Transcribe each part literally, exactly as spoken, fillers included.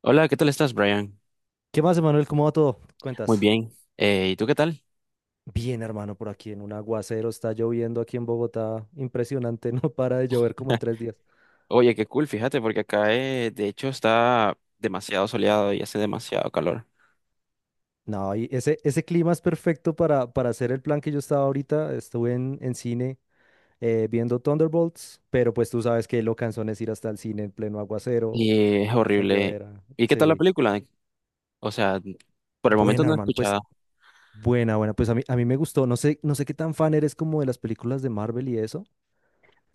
Hola, ¿qué tal estás, Brian? ¿Qué más, Emanuel? ¿Cómo va todo? ¿Qué Muy cuentas? bien. Eh, ¿y tú qué tal? Bien, hermano, por aquí en un aguacero, está lloviendo aquí en Bogotá, impresionante, no para de llover como en tres días. Oye, qué cool, fíjate, porque acá eh, de hecho está demasiado soleado y hace demasiado calor. No, y ese, ese clima es perfecto para, para hacer el plan que yo estaba ahorita, estuve en, en cine eh, viendo Thunderbolts, pero pues tú sabes que lo cansón es ir hasta el cine en pleno aguacero, Y es esa horrible. llovera, ¿Y qué tal la sí. película? O sea, por el momento Buena, no he hermano, pues escuchado. buena, buena, pues a mí, a mí me gustó, no sé, no sé qué tan fan eres como de las películas de Marvel y eso,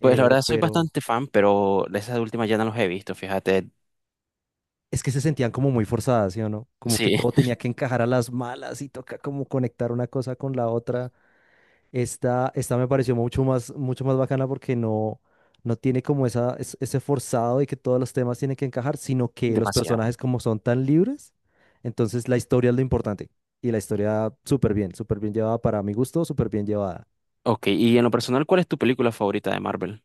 Pues la verdad soy pero... bastante fan, pero de esas últimas ya no los he visto, fíjate. Es que se sentían como muy forzadas, ¿sí o no? Como que Sí, todo tenía que encajar a las malas y toca como conectar una cosa con la otra. Esta, esta me pareció mucho más, mucho más bacana porque no, no tiene como esa, es- ese forzado de que todos los temas tienen que encajar, sino que los demasiado. personajes como son tan libres, entonces la historia es lo importante. Y la historia súper bien, súper bien llevada para mi gusto, súper bien llevada. Ok, y en lo personal, ¿cuál es tu película favorita de Marvel?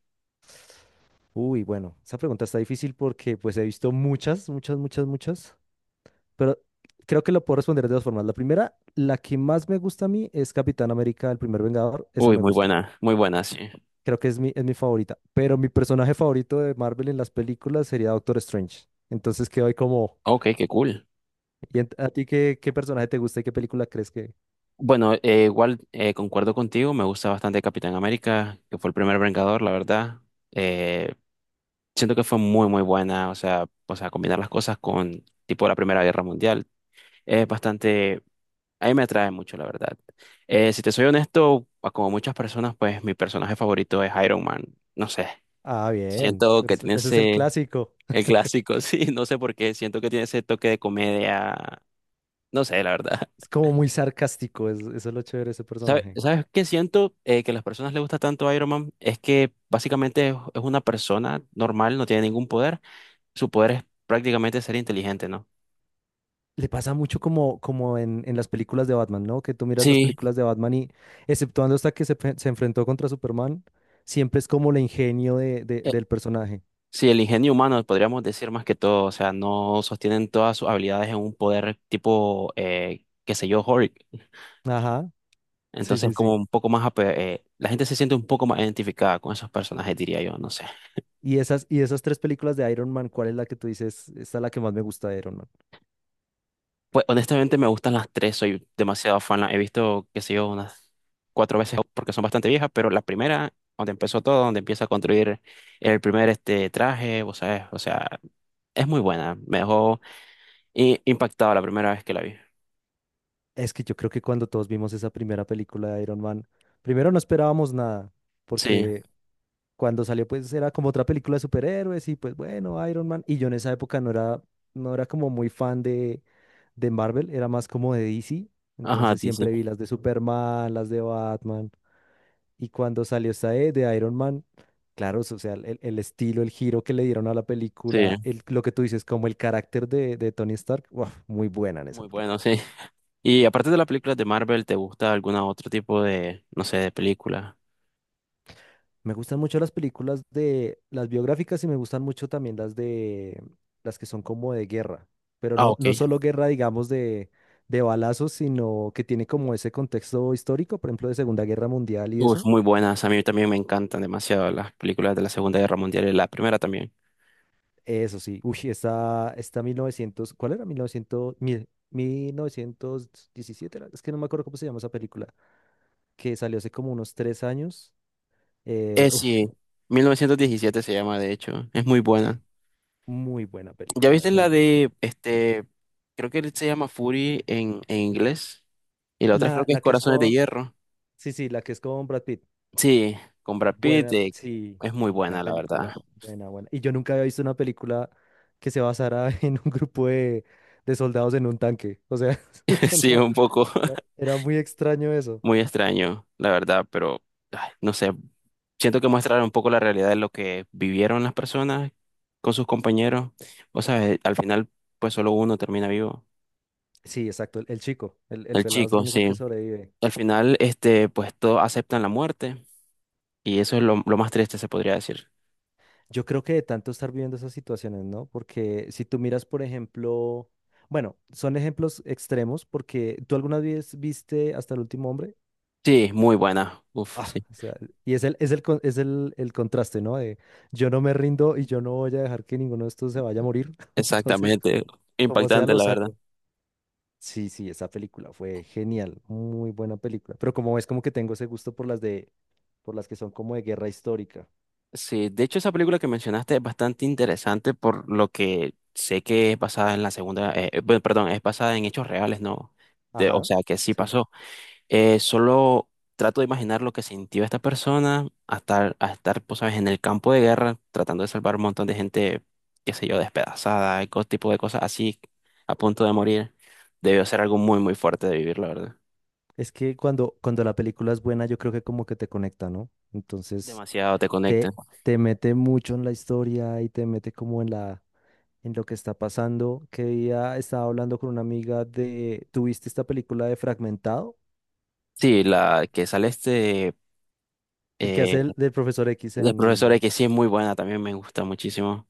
Uy, bueno, esa pregunta está difícil porque pues he visto muchas, muchas, muchas, muchas. Pero creo que lo puedo responder de dos formas. La primera, la que más me gusta a mí es Capitán América, el primer Vengador. Esa Uy, me muy gusta. buena, muy buena, sí. Creo que es mi, es mi favorita. Pero mi personaje favorito de Marvel en las películas sería Doctor Strange. Entonces quedo ahí como... Ok, qué cool. ¿Y en- a ti qué, qué personaje te gusta y qué película crees que... Bueno, eh, igual eh, concuerdo contigo, me gusta bastante Capitán América, que fue el primer Vengador, la verdad. Eh, siento que fue muy, muy buena, o sea, o sea, combinar las cosas con tipo la Primera Guerra Mundial. Es bastante, a mí me atrae mucho, la verdad. Eh, si te soy honesto, a como muchas personas, pues mi personaje favorito es Iron Man. No sé, Ah, bien, siento pero que ese, tiene ese es el ese, clásico. el clásico, sí, no sé por qué, siento que tiene ese toque de comedia, no sé, la verdad. Es como muy sarcástico. Es, eso es lo chévere de ese ¿Sabe- personaje. ¿Sabes qué siento eh, que a las personas les gusta tanto Iron Man? Es que básicamente es, es una persona normal, no tiene ningún poder. Su poder es prácticamente ser inteligente, ¿no? Le pasa mucho como, como en, en las películas de Batman, ¿no? Que tú miras las Sí, películas de Batman y, exceptuando hasta que se, fe- se enfrentó contra Superman, siempre es como el ingenio de, de- eh, del personaje. sí, el ingenio humano podríamos decir más que todo. O sea, no sostienen todas sus habilidades en un poder tipo, eh, qué sé yo, Hulk. Ajá, sí, Entonces, sí, como sí. un poco más, ape- eh, la gente se siente un poco más identificada con esos personajes, diría yo, no sé. Y esas, y esas tres películas de Iron Man, ¿cuál es la que tú dices? Esta es la que más me gusta de Iron Man. Pues honestamente me gustan las tres, soy demasiado fan. La he visto, qué sé yo, unas cuatro veces porque son bastante viejas, pero la primera, donde empezó todo, donde empieza a construir el primer este traje, vos sabés, o sea, es muy buena. Me dejó i- impactado la primera vez que la vi. Es que yo creo que cuando todos vimos esa primera película de Iron Man, primero no esperábamos nada, Sí, porque cuando salió pues era como otra película de superhéroes y pues bueno, Iron Man. Y yo en esa época no era, no era como muy fan de, de Marvel, era más como de D C. ajá, Entonces sí, sí, siempre vi las de Superman, las de Batman. Y cuando salió esta de, de Iron Man, claro, so, o sea, el, el estilo, el giro que le dieron a la sí, película, el, lo que tú dices, como el carácter de, de Tony Stark, ¡guau!, muy buena en esa muy bueno, película. sí. Y aparte de las películas de Marvel, ¿te gusta alguna otro tipo de, no sé, de película? Me gustan mucho las películas de las biográficas y me gustan mucho también las de las que son como de guerra, pero Ah, no, no ok. solo guerra, digamos, de, de balazos, sino que tiene como ese contexto histórico, por ejemplo, de Segunda Guerra Mundial y Uf, eso. muy buenas. A mí también me encantan demasiado las películas de la Segunda Guerra Mundial y la primera también. Eso sí, uy, esta, esta mil novecientos, ¿cuál era? mil novecientos, mil- 1917, era, es que no me acuerdo cómo se llama esa película, que salió hace como unos tres años. Eh, Eh, uf, sí, mil novecientos diecisiete se llama, de hecho, es muy buena. sí, muy buena ¿Ya película viste la esa. de, este, creo que se llama Fury en, en inglés? Y la otra creo La, que es la que es Corazones de con, Hierro. sí, sí, la que es con Brad Pitt. Sí, con Brad Pitt, Buena, eh, sí, es muy buena buena, la verdad. película, buena, buena. Y yo nunca había visto una película que se basara en un grupo de, de soldados en un tanque. O sea, eso Sí, no, un poco era, era muy extraño eso. muy extraño, la verdad, pero ay, no sé, siento que muestra un poco la realidad de lo que vivieron las personas con sus compañeros. O sea, al final, pues solo uno termina vivo. Sí, exacto, el, el chico, el, el El pelado es el chico, único sí. que sobrevive. Al final, este, pues todos aceptan la muerte y eso es lo, lo más triste, se podría decir. Yo creo que de tanto estar viviendo esas situaciones, ¿no? Porque si tú miras, por ejemplo, bueno, son ejemplos extremos porque tú alguna vez viste Hasta el último hombre. Sí, muy buena. Uf, Ah, sí. o sea, y es el, es el, con- es el, el contraste, ¿no? De yo no me rindo y yo no voy a dejar que ninguno de estos se vaya a morir. Entonces, Exactamente. como sea, Impactante, lo la verdad. saco. Sí, sí, esa película fue genial, muy buena película. Pero como es como que tengo ese gusto por las de, por las que son como de guerra histórica. Sí, de hecho esa película que mencionaste es bastante interesante por lo que sé que es basada en la segunda, eh, eh, bueno, perdón, es basada en hechos reales, ¿no? De- o Ajá, sea, que sí sí. pasó. Eh, solo trato de imaginar lo que sintió esta persona a estar, a estar, pues, sabes, en el campo de guerra, tratando de salvar un montón de gente, qué sé yo, despedazada, y todo tipo de cosas así, a punto de morir. Debió ser algo muy, muy fuerte de vivir, la verdad. Es que cuando, cuando la película es buena, yo creo que como que te conecta, ¿no? Entonces, Demasiado te te, conecta. te mete mucho en la historia y te mete como en la en lo que está pasando. Que día estaba hablando con una amiga de, ¿tuviste esta película de Fragmentado? Sí, la que sale este El que eh, hace el, del profesor X del profesor en... que sí es muy buena, también me gusta muchísimo.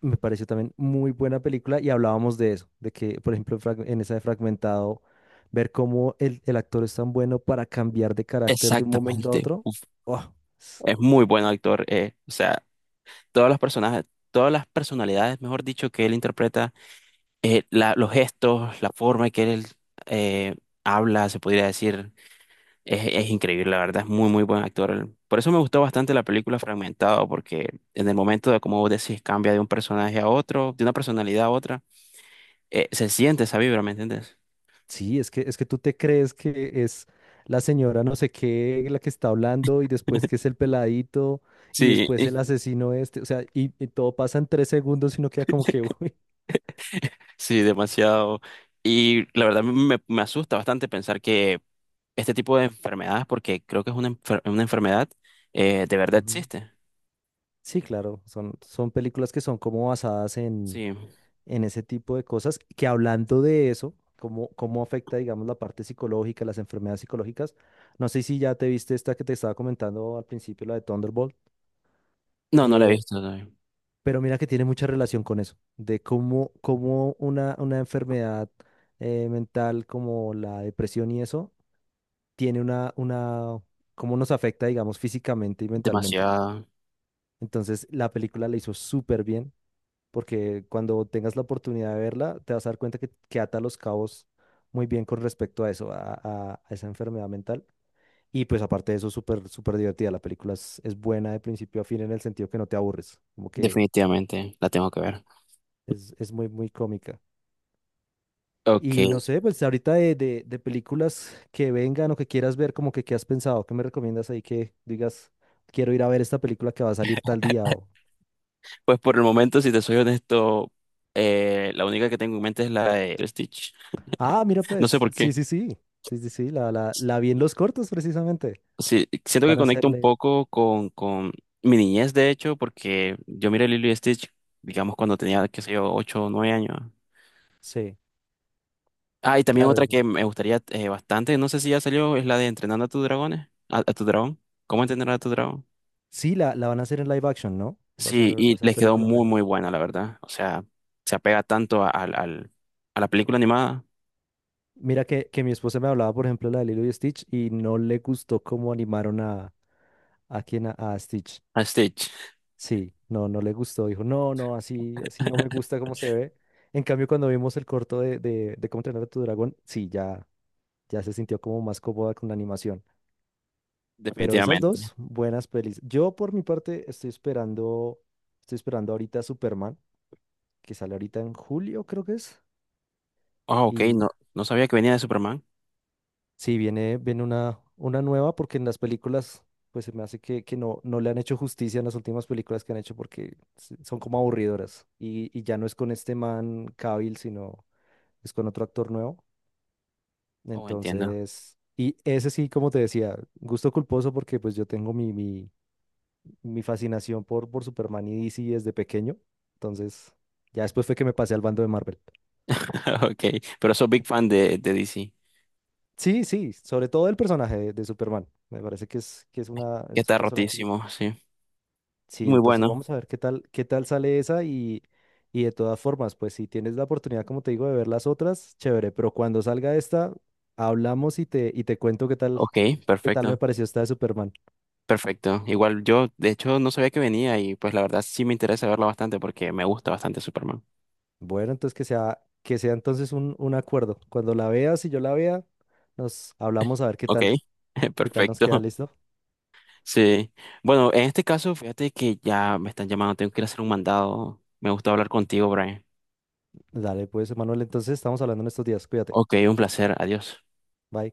Me pareció también muy buena película y hablábamos de eso, de que, por ejemplo, en Frag- en esa de Fragmentado, ver cómo el, el actor es tan bueno para cambiar de carácter de un momento a Exactamente. otro. Uf, ¡Oh! es muy buen actor. eh, o sea, todos los personajes, todas las personalidades, mejor dicho, que él interpreta eh, la- los gestos, la forma en que él eh, habla, se podría decir, es, es increíble, la verdad, es muy, muy buen actor. Él- Por eso me gustó bastante la película Fragmentado, porque en el momento de, como vos decís, cambia de un personaje a otro, de una personalidad a otra, eh, se siente esa vibra, ¿me entiendes? Sí, es que, es que tú te crees que es la señora no sé qué la que está hablando y después que es el peladito y Sí, después el asesino este, o sea, y, y todo pasa en tres segundos y no queda como que, uy. sí, demasiado. Y la verdad me, me asusta bastante pensar que este tipo de enfermedades, porque creo que es una, enfer- una enfermedad, eh, de verdad Ujú. existe. Sí, claro, son, son películas que son como basadas en, Sí. en ese tipo de cosas, que hablando de eso, cómo, cómo afecta, digamos, la parte psicológica, las enfermedades psicológicas, no sé si ya te viste esta que te estaba comentando al principio, la de Thunderbolt, No, no la he eh, visto. No. pero mira que tiene mucha relación con eso, de cómo, cómo una, una enfermedad eh, mental como la depresión y eso, tiene una, una, cómo nos afecta, digamos, físicamente y mentalmente. Demasiado. Entonces, la película la hizo súper bien, porque cuando tengas la oportunidad de verla, te vas a dar cuenta que, que ata los cabos muy bien con respecto a eso, a, a- a esa enfermedad mental. Y pues aparte de eso, súper, súper divertida. La película es, es buena de principio a fin en el sentido que no te aburres, como que Definitivamente, la tengo que ver. es, es muy, muy cómica. Ok, Y no sé, pues ahorita de, de, de películas que vengan o que quieras ver, como que qué has pensado, qué me recomiendas ahí que digas, quiero ir a ver esta película que va a salir tal día o... pues por el momento, si te soy honesto, eh, la única que tengo en mente es la de Stitch. Ah, mira No sé pues, por qué. sí, sí, sí, sí, sí, sí, la, la, la vi en los cortos precisamente. Sí, siento que Van a conecta un hacerle... poco con, con mi niñez, de hecho, porque yo miré Lilo y Stitch, digamos, cuando tenía, qué sé yo, ocho o nueve años. Sí, Ah, y también claro, otra digo, que me gustaría eh, bastante, no sé si ya salió, es la de Entrenando a tus dragones, a, a tu dragón. ¿Cómo entrenar a tu dragón? sí, la, la van a hacer en live action, ¿no? Va a ser, Sí, va a y ser les quedó película en muy, live muy action. buena, la verdad. O sea, se apega tanto a, al- al- a la película animada. Mira que, que mi esposa me hablaba, por ejemplo, de la de Lilo y Stitch y no le gustó cómo animaron a, a, quien a a Stitch. A Stitch, Sí, no, no le gustó. Dijo, no, no, así, así no me gusta cómo se ve. En cambio, cuando vimos el corto de, de, de cómo entrenar a tu dragón, sí, ya, ya se sintió como más cómoda con la animación. Pero esas definitivamente. dos, buenas pelis. Yo, por mi parte, estoy esperando, estoy esperando ahorita Superman, que sale ahorita en julio, creo que es. Ah, ok, no, no sabía que venía de Superman. Sí, viene, viene una, una nueva porque en las películas, pues se me hace que, que no, no le han hecho justicia en las últimas películas que han hecho porque s- son como aburridoras. Y, y ya no es con este man Cavill, sino es con otro actor nuevo. Oh, entiendo. Entonces, y ese sí, como te decía, gusto culposo porque pues yo tengo mi, mi, mi fascinación por, por Superman y D C desde pequeño. Entonces, ya después fue que me pasé al bando de Marvel. Ok, pero soy big fan de, de D C, Sí, sí, sobre todo el personaje de, de Superman. Me parece que es, que es una, que es un está personaje. rotísimo, sí. Sí, Muy entonces bueno. vamos a ver qué tal, qué tal sale esa y, y de todas formas, pues si tienes la oportunidad, como te digo, de ver las otras, chévere, pero cuando salga esta, hablamos y te, y te cuento qué tal, Ok, qué tal me perfecto, pareció esta de Superman. perfecto. Igual yo, de hecho, no sabía que venía y pues la verdad sí me interesa verlo bastante porque me gusta bastante Superman. Bueno, entonces que sea, que sea entonces un, un acuerdo. Cuando la veas y yo la vea, nos hablamos a ver qué Ok, tal, qué tal nos perfecto, queda, ¿listo? sí. Bueno, en este caso, fíjate que ya me están llamando, tengo que ir a hacer un mandado. Me gustó hablar contigo, Brian. Dale, pues, Manuel, entonces estamos hablando en estos días, cuídate, Ok, un placer, adiós. bye.